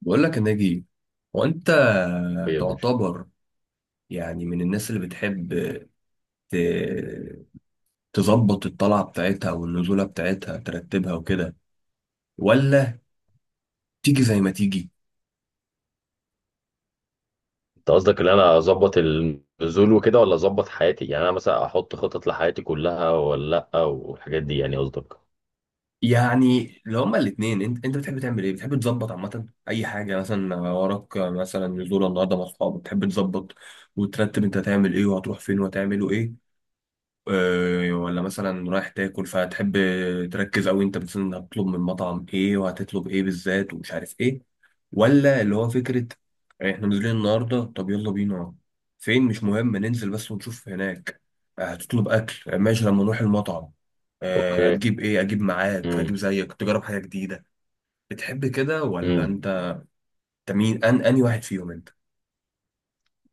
بقول لك يا ناجي، هو انت ايه يا باشا. تعتبر يعني من الناس اللي بتحب ت- تظبط الطلعه بتاعتها والنزوله بتاعتها، ترتبها وكده؟ ولا تيجي زي ما تيجي؟ انت قصدك ان انا اظبط النزول وكده ولا اظبط حياتي؟ يعني انا مثلا احط خطط لحياتي كلها ولا لا والحاجات دي، يعني قصدك؟ يعني لو هما الاثنين، انت بتحب تعمل ايه؟ بتحب تظبط عامه اي حاجه؟ مثلا وراك مثلا نزوله النهارده مع اصحابك، بتحب تظبط وترتب انت هتعمل ايه وهتروح فين وهتعملوا ايه؟ ولا مثلا رايح تاكل فتحب تركز اوي انت مثلا هتطلب من مطعم ايه وهتطلب ايه بالذات ومش عارف ايه؟ ولا اللي هو فكرة احنا نازلين النهاردة، طب يلا بينا؟ فين مش مهم، ننزل بس ونشوف هناك، هتطلب أكل، ماشي، لما نروح المطعم اوكي. هتجيب ايه؟ اجيب معاك؟ هجيب زيك، تجرب حاجة جديده. بتحب كده ولا امم. انت؟ أنت مين؟ ان اني واحد فيهم انت؟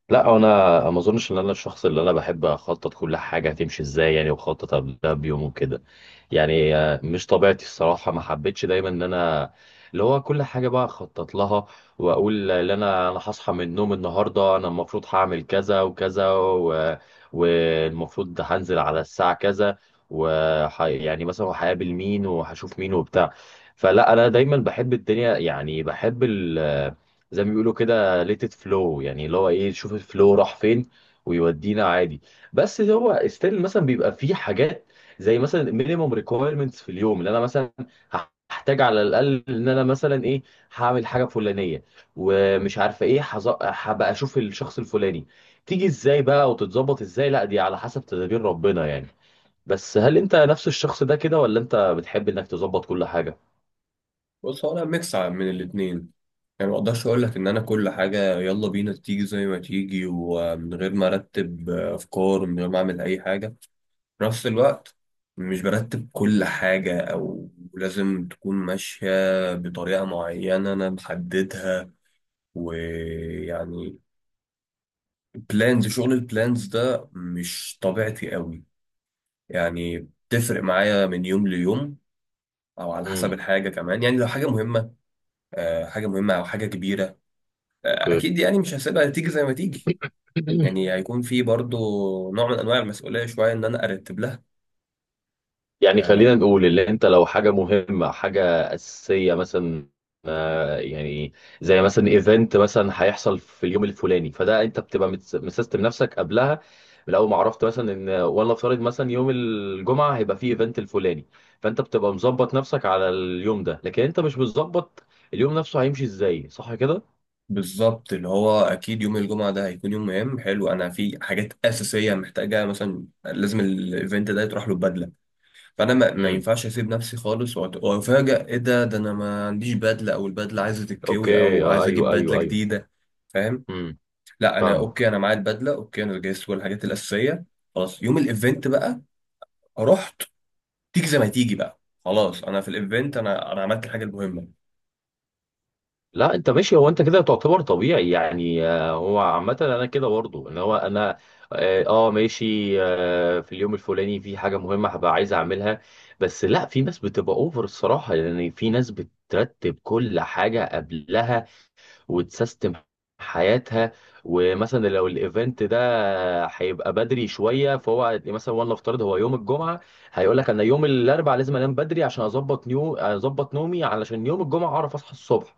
لا، انا ما اظنش ان انا الشخص اللي انا بحب اخطط كل حاجه هتمشي ازاي يعني، وخطط قبلها بيوم وكده. يعني مش طبيعتي الصراحه، ما حبيتش دايما ان انا اللي هو كل حاجه بقى اخطط لها، واقول ان انا هصحى من النوم النهارده، انا المفروض هعمل كذا وكذا والمفروض ده هنزل على الساعه كذا، يعني مثلا هقابل مين وهشوف مين وبتاع. فلا، انا دايما بحب الدنيا، يعني بحب زي ما بيقولوا كده، ليتد فلو، يعني اللي هو ايه، شوف الفلو راح فين ويودينا عادي. بس هو ستيل مثلا بيبقى فيه حاجات، زي مثلا مينيموم ريكويرمنتس في اليوم اللي انا مثلا هحتاج على الاقل ان انا مثلا ايه، هعمل حاجه فلانيه، ومش عارفه ايه، هبقى اشوف الشخص الفلاني تيجي ازاي بقى وتتظبط ازاي، لا دي على حسب تدابير ربنا يعني. بس هل انت نفس الشخص ده كده، ولا انت بتحب انك تظبط كل حاجه؟ بص، هو انا ميكس من الاتنين. يعني ما اقدرش اقول لك ان انا كل حاجة يلا بينا تيجي زي ما تيجي ومن غير ما ارتب افكار، من غير ما اعمل اي حاجة. في نفس الوقت مش برتب كل حاجة أو لازم تكون ماشية بطريقة معينة أنا محددها. ويعني بلانز، شغل البلانز ده مش طبيعتي قوي. يعني بتفرق معايا من يوم ليوم، أو على حسب امم. الحاجة كمان. يعني لو حاجة مهمة، حاجة مهمة أو حاجة كبيرة، اوكي. أكيد يعني مش هسيبها تيجي زي ما تيجي. يعني هيكون في برضو نوع من أنواع المسؤولية شوية إن أنا أرتب لها. يعني آه، خلينا نقول، اللي انت لو حاجة مهمة، حاجة أساسية مثلا، يعني زي مثلا ايفنت مثلا هيحصل في اليوم الفلاني، فده انت بتبقى مسيستم نفسك قبلها، من اول ما عرفت مثلا ان، ولا افترض مثلا يوم الجمعة هيبقى فيه ايفنت الفلاني، فانت بتبقى مظبط نفسك على اليوم ده، لكن انت مش مظبط اليوم نفسه هيمشي ازاي، صح كده؟ بالظبط، اللي هو اكيد يوم الجمعه ده هيكون يوم مهم حلو، انا في حاجات اساسيه محتاجه، مثلا لازم الايفنت ده يتروح له بدله. فانا ما امم. ينفعش اسيب نفسي خالص وافاجئ ايه؟ ده انا ما عنديش بدله، او البدله عايزه تتكوي، اوكي. او آه، عايز اجيب ايوه، بدله ايوه، ايوه. جديده. فاهم؟ امم. لا انا فاهمك. اوكي، انا معايا البدله، اوكي انا جهزت كل الحاجات الاساسيه. خلاص يوم الايفنت بقى رحت، تيجي زي ما تيجي بقى. خلاص، انا في الايفنت، انا عملت الحاجه المهمه. لا، انت ماشي، هو انت كده تعتبر طبيعي يعني، هو عامة انا كده برضه، ان هو انا ماشي، في اليوم الفلاني في حاجة مهمة هبقى عايز اعملها. بس لا، في ناس بتبقى اوفر الصراحة، يعني في ناس بترتب كل حاجة قبلها وتسيستم حياتها، ومثلا لو الايفنت ده هيبقى بدري شوية، فهو مثلا وانا افترض هو يوم الجمعة، هيقول لك انا يوم الاربعاء لازم انام بدري عشان اظبط اظبط نومي علشان يوم الجمعة اعرف اصحى الصبح.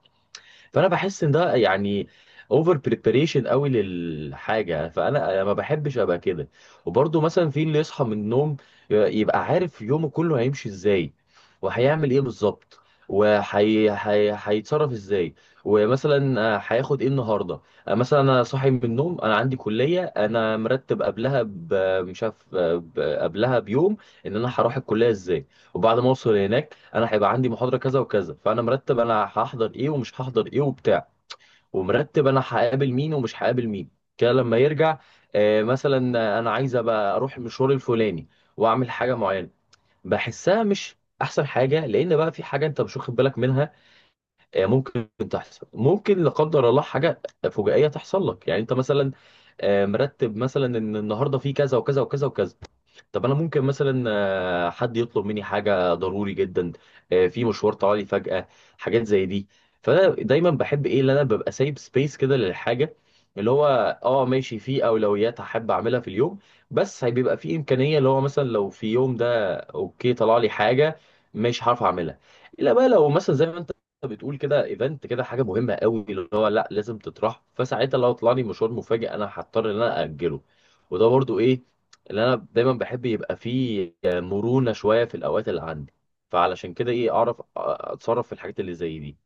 فانا بحس ان ده يعني اوفر بريباريشن قوي للحاجه، فانا ما بحبش ابقى كده. وبرضه مثلا في اللي يصحى من النوم يبقى عارف يومه كله هيمشي ازاي وهيعمل ايه بالظبط، وهي هيتصرف ازاي، ومثلا هياخد ايه النهارده. مثلا انا صاحي من النوم، انا عندي كليه، انا مرتب قبلها مش عارف، قبلها بيوم ان انا هروح الكليه ازاي، وبعد ما اوصل هناك انا هيبقى عندي محاضره كذا وكذا، فانا مرتب انا هحضر ايه ومش هحضر ايه وبتاع، ومرتب انا هقابل مين ومش هقابل مين، كده لما يرجع. مثلا انا عايز ابقى اروح المشوار الفلاني واعمل حاجه معينه، بحسها مش احسن حاجه، لان بقى في حاجه انت مش واخد بالك منها، ممكن تحصل ممكن لا قدر الله، حاجه فجائيه تحصل لك، يعني انت مثلا مرتب مثلا ان النهارده في كذا وكذا وكذا وكذا، طب انا ممكن مثلا حد يطلب مني حاجه ضروري جدا، في مشوار طلعلي فجاه، حاجات زي دي. فانا دايما بحب ايه، اللي انا ببقى سايب سبيس كده للحاجه، اللي هو اه ماشي، في اولويات هحب اعملها في اليوم، بس بيبقى في امكانيه، اللي هو مثلا لو في يوم ده اوكي طلع لي حاجه مش هعرف اعملها، الا بقى لو مثلا زي ما انت بتقول كده، ايفنت كده، حاجه مهمه قوي، اللي هو لا، لازم تطرح، فساعتها لو طلع لي مشوار مفاجئ انا هضطر ان انا اجله. وده برضو ايه اللي انا دايما بحب يبقى فيه مرونة شوية في الاوقات اللي عندي، فعلشان كده ايه، اعرف اتصرف في الحاجات اللي زي دي.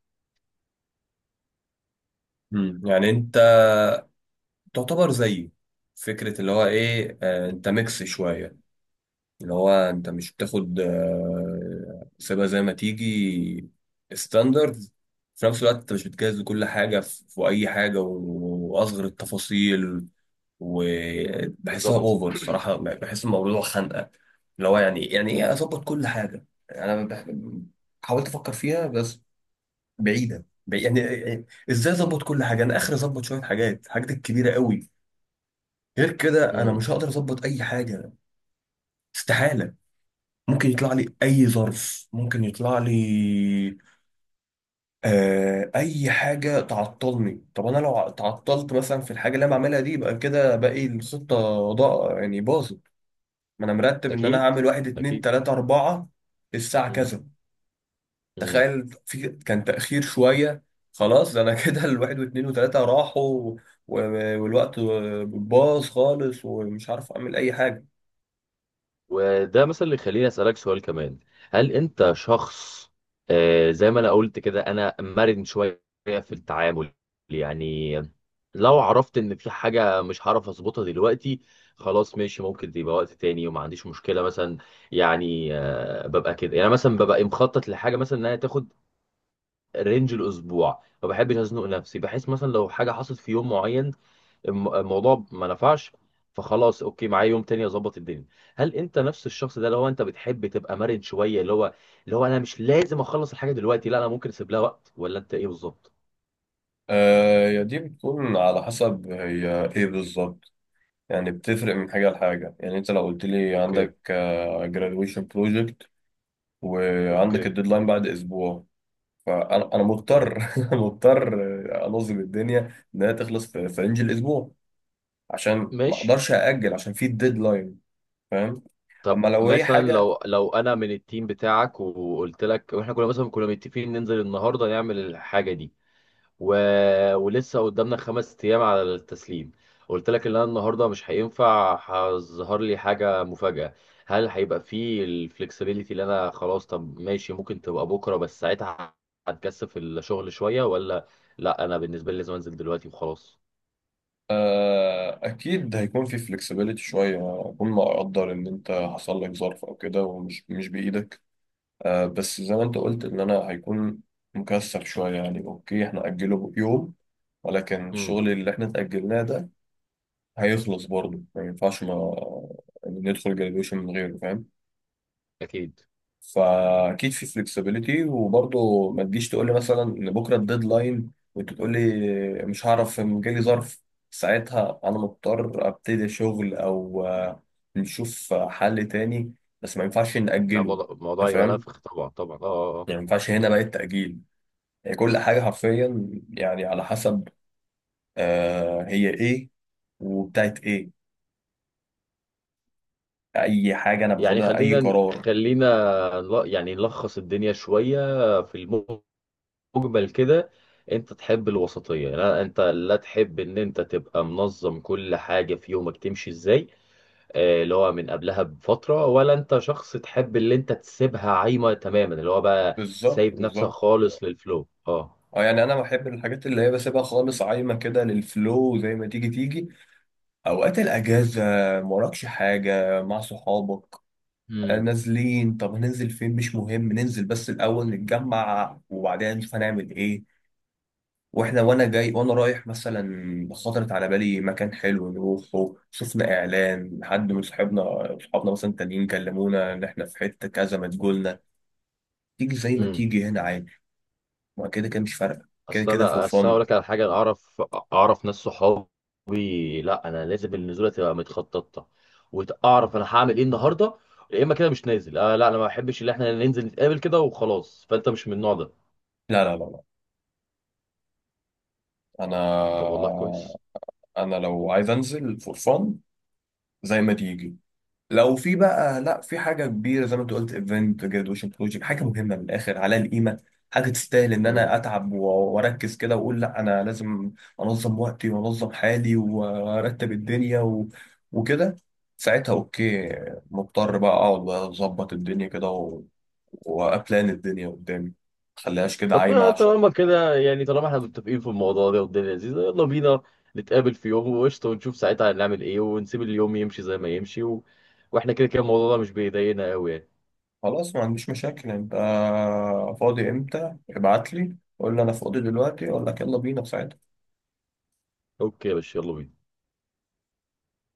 يعني تعتبر زيه فكرة اللي هو إيه، آه أنت ميكس شوية. اللي هو أنت مش بتاخد آه سيبها زي ما تيجي ستاندرد، في نفس الوقت أنت مش بتجهز لكل حاجة في أي حاجة وأصغر التفاصيل. وبحسها بالظبط. أوفر الصراحة، بحس الموضوع خنقة، اللي هو يعني يعني إيه أظبط كل حاجة؟ أنا بح- حاولت أفكر فيها بس يعني يعني إزاي أظبط كل حاجة؟ أنا آخر أظبط شوية حاجات، الحاجات الكبيرة قوي. غير كده انا امم. مش هقدر اظبط اي حاجه، استحاله. ممكن يطلع لي اي ظرف، ممكن يطلع لي آه اي حاجه تعطلني. طب انا لو تعطلت مثلا في الحاجه اللي انا بعملها دي، يبقى كده باقي الخطه ضاع، يعني باظت. ما انا مرتب ان انا اكيد، هعمل واحد اتنين اكيد. تلاته اربعه الساعه امم. كذا. امم. تخيل في كان تاخير شويه، خلاص ده انا كده الواحد واتنين وتلاته راحوا، و- والوقت باظ خالص ومش عارف اعمل اي حاجه. وده مثلا اللي يخليني اسالك سؤال كمان، هل انت شخص زي ما انا قلت كده، انا مرن شويه في التعامل، يعني لو عرفت ان في حاجه مش هعرف اظبطها دلوقتي، خلاص ماشي ممكن يبقى وقت تاني وما عنديش مشكله مثلا، يعني ببقى كده، يعني مثلا ببقى مخطط لحاجه مثلا انها تاخد رينج الاسبوع، ما بحبش ازنق نفسي، بحيث مثلا لو حاجه حصلت في يوم معين الموضوع ما نفعش، فخلاص اوكي معايا يوم تاني اظبط الدنيا. هل انت نفس الشخص ده، اللي هو انت بتحب تبقى مرن شويه، اللي هو انا مش لازم اخلص الحاجه دلوقتي، لا انا ممكن اسيب لها وقت، ولا انت ايه بالظبط؟ آه يا دي بتكون على حسب هي ايه بالظبط. يعني بتفرق من حاجة لحاجة. يعني انت لو قلت لي اوكي. عندك آه graduation project وعندك اوكي. الديدلاين بعد اسبوع، فانا تمام. مضطر مضطر انظم الدنيا انها تخلص في رينج الاسبوع، عشان ما ماشي. اقدرش ااجل عشان في الديدلاين. فاهم؟ طب اما لو هي مثلا حاجة لو انا من التيم بتاعك، وقلت لك واحنا كنا مثلا كنا متفقين ننزل النهارده نعمل الحاجه دي و... ولسه قدامنا خمس ايام على التسليم، قلت لك ان انا النهارده مش هينفع، هظهر لي حاجه مفاجاه، هل هيبقى فيه الفلكسبيليتي اللي انا خلاص طب ماشي ممكن تبقى بكره، بس ساعتها هتكثف الشغل شويه، ولا لا انا بالنسبه لي لازم انزل دلوقتي وخلاص؟ آه اكيد هيكون في flexibility شوية، اكون مقدر ان انت حصل لك ظرف او كده ومش مش بايدك، بس زي ما انت قلت ان انا هيكون مكسل شوية، يعني اوكي احنا اجله يوم، ولكن امم. الشغل اللي احنا اتأجلناه ده هيخلص برضه، ما ينفعش ما ندخل جراديويشن من غيره. فاهم؟ اكيد. فاكيد في فلكسبيليتي، وبرضه ما تجيش تقول لي مثلا ان بكره الديدلاين وانت تقول لي مش هعرف جالي ظرف. ساعتها انا مضطر ابتدي شغل او نشوف حل تاني، بس ما ينفعش لا، نأجله. انت الموضوع يبقى فاهم؟ نفخ، طبعا طبعا، اه اه آه. يعني ما ينفعش هنا بقى التأجيل. هي كل حاجة حرفيا يعني على حسب آه هي ايه وبتاعت ايه اي حاجة انا يعني باخدها اي خلينا قرار. خلينا يعني نلخص الدنيا شويه، في مجمل كده، انت تحب الوسطية، لا انت لا تحب ان انت تبقى منظم كل حاجة في يومك تمشي ازاي، اللي هو من قبلها بفترة، ولا انت شخص تحب اللي انت تسيبها عايمة تماما، اللي هو بقى بالظبط سايب نفسك بالظبط. خالص للفلو؟ اه. اه يعني انا بحب الحاجات اللي هي بسيبها خالص عايمة كده للفلو، زي ما تيجي تيجي. اوقات الاجازة، موراكش حاجة مع صحابك، آه امم. نازلين، طب هننزل فين؟ مش مهم ننزل، بس الاول نتجمع وبعدين نشوف هنعمل ايه. واحنا وانا جاي وانا رايح مثلا خطرت على بالي مكان حلو نروحه، شفنا اعلان، حد من صحابنا، صحابنا مثلا تانيين كلمونا ان احنا في حته كذا ما تقولنا، تيجي زي ما امم. تيجي هنا عادي. ما كده كده مش فارقه، كده اصل كده فور انا اصل أنا فن. اقول لك على حاجة، انا اعرف ناس صحابي، لا انا لازم النزولة تبقى متخططة واعرف انا هعمل ايه النهاردة، يا اما كده مش نازل، آه لا انا ما بحبش ان احنا ننزل نتقابل كده وخلاص، فانت مش من النوع ده؟ لا، انا طب والله كويس. انا لو عايز انزل فور فن زي ما تيجي. لو في بقى لا في حاجه كبيره زي ما انت قلت، ايفنت، جرادويشن بروجكت، حاجه مهمه من الاخر عليها القيمه، حاجه تستاهل ان امم. انا اتعب واركز كده واقول لا انا لازم انظم وقتي وانظم حالي وارتب الدنيا و... وكده، ساعتها اوكي، مضطر بقى اقعد بقى اظبط الدنيا كده و... وابلان الدنيا قدامي، ما خليهاش كده طب عايمه. عشان طالما كده، يعني طالما احنا متفقين في الموضوع ده، والدنيا لذيذة، يلا بينا نتقابل في يوم وقشطة، ونشوف ساعتها هنعمل ايه، ونسيب اليوم يمشي زي ما يمشي واحنا كده كده الموضوع ده مش بيضايقنا قوي يعني. خلاص، ما عنديش مشاكل. انت فاضي امتى؟ ابعت لي قول لي انا فاضي دلوقتي، اقول لك يلا بينا في ساعتها. اوكي يا باشا، يلا بينا.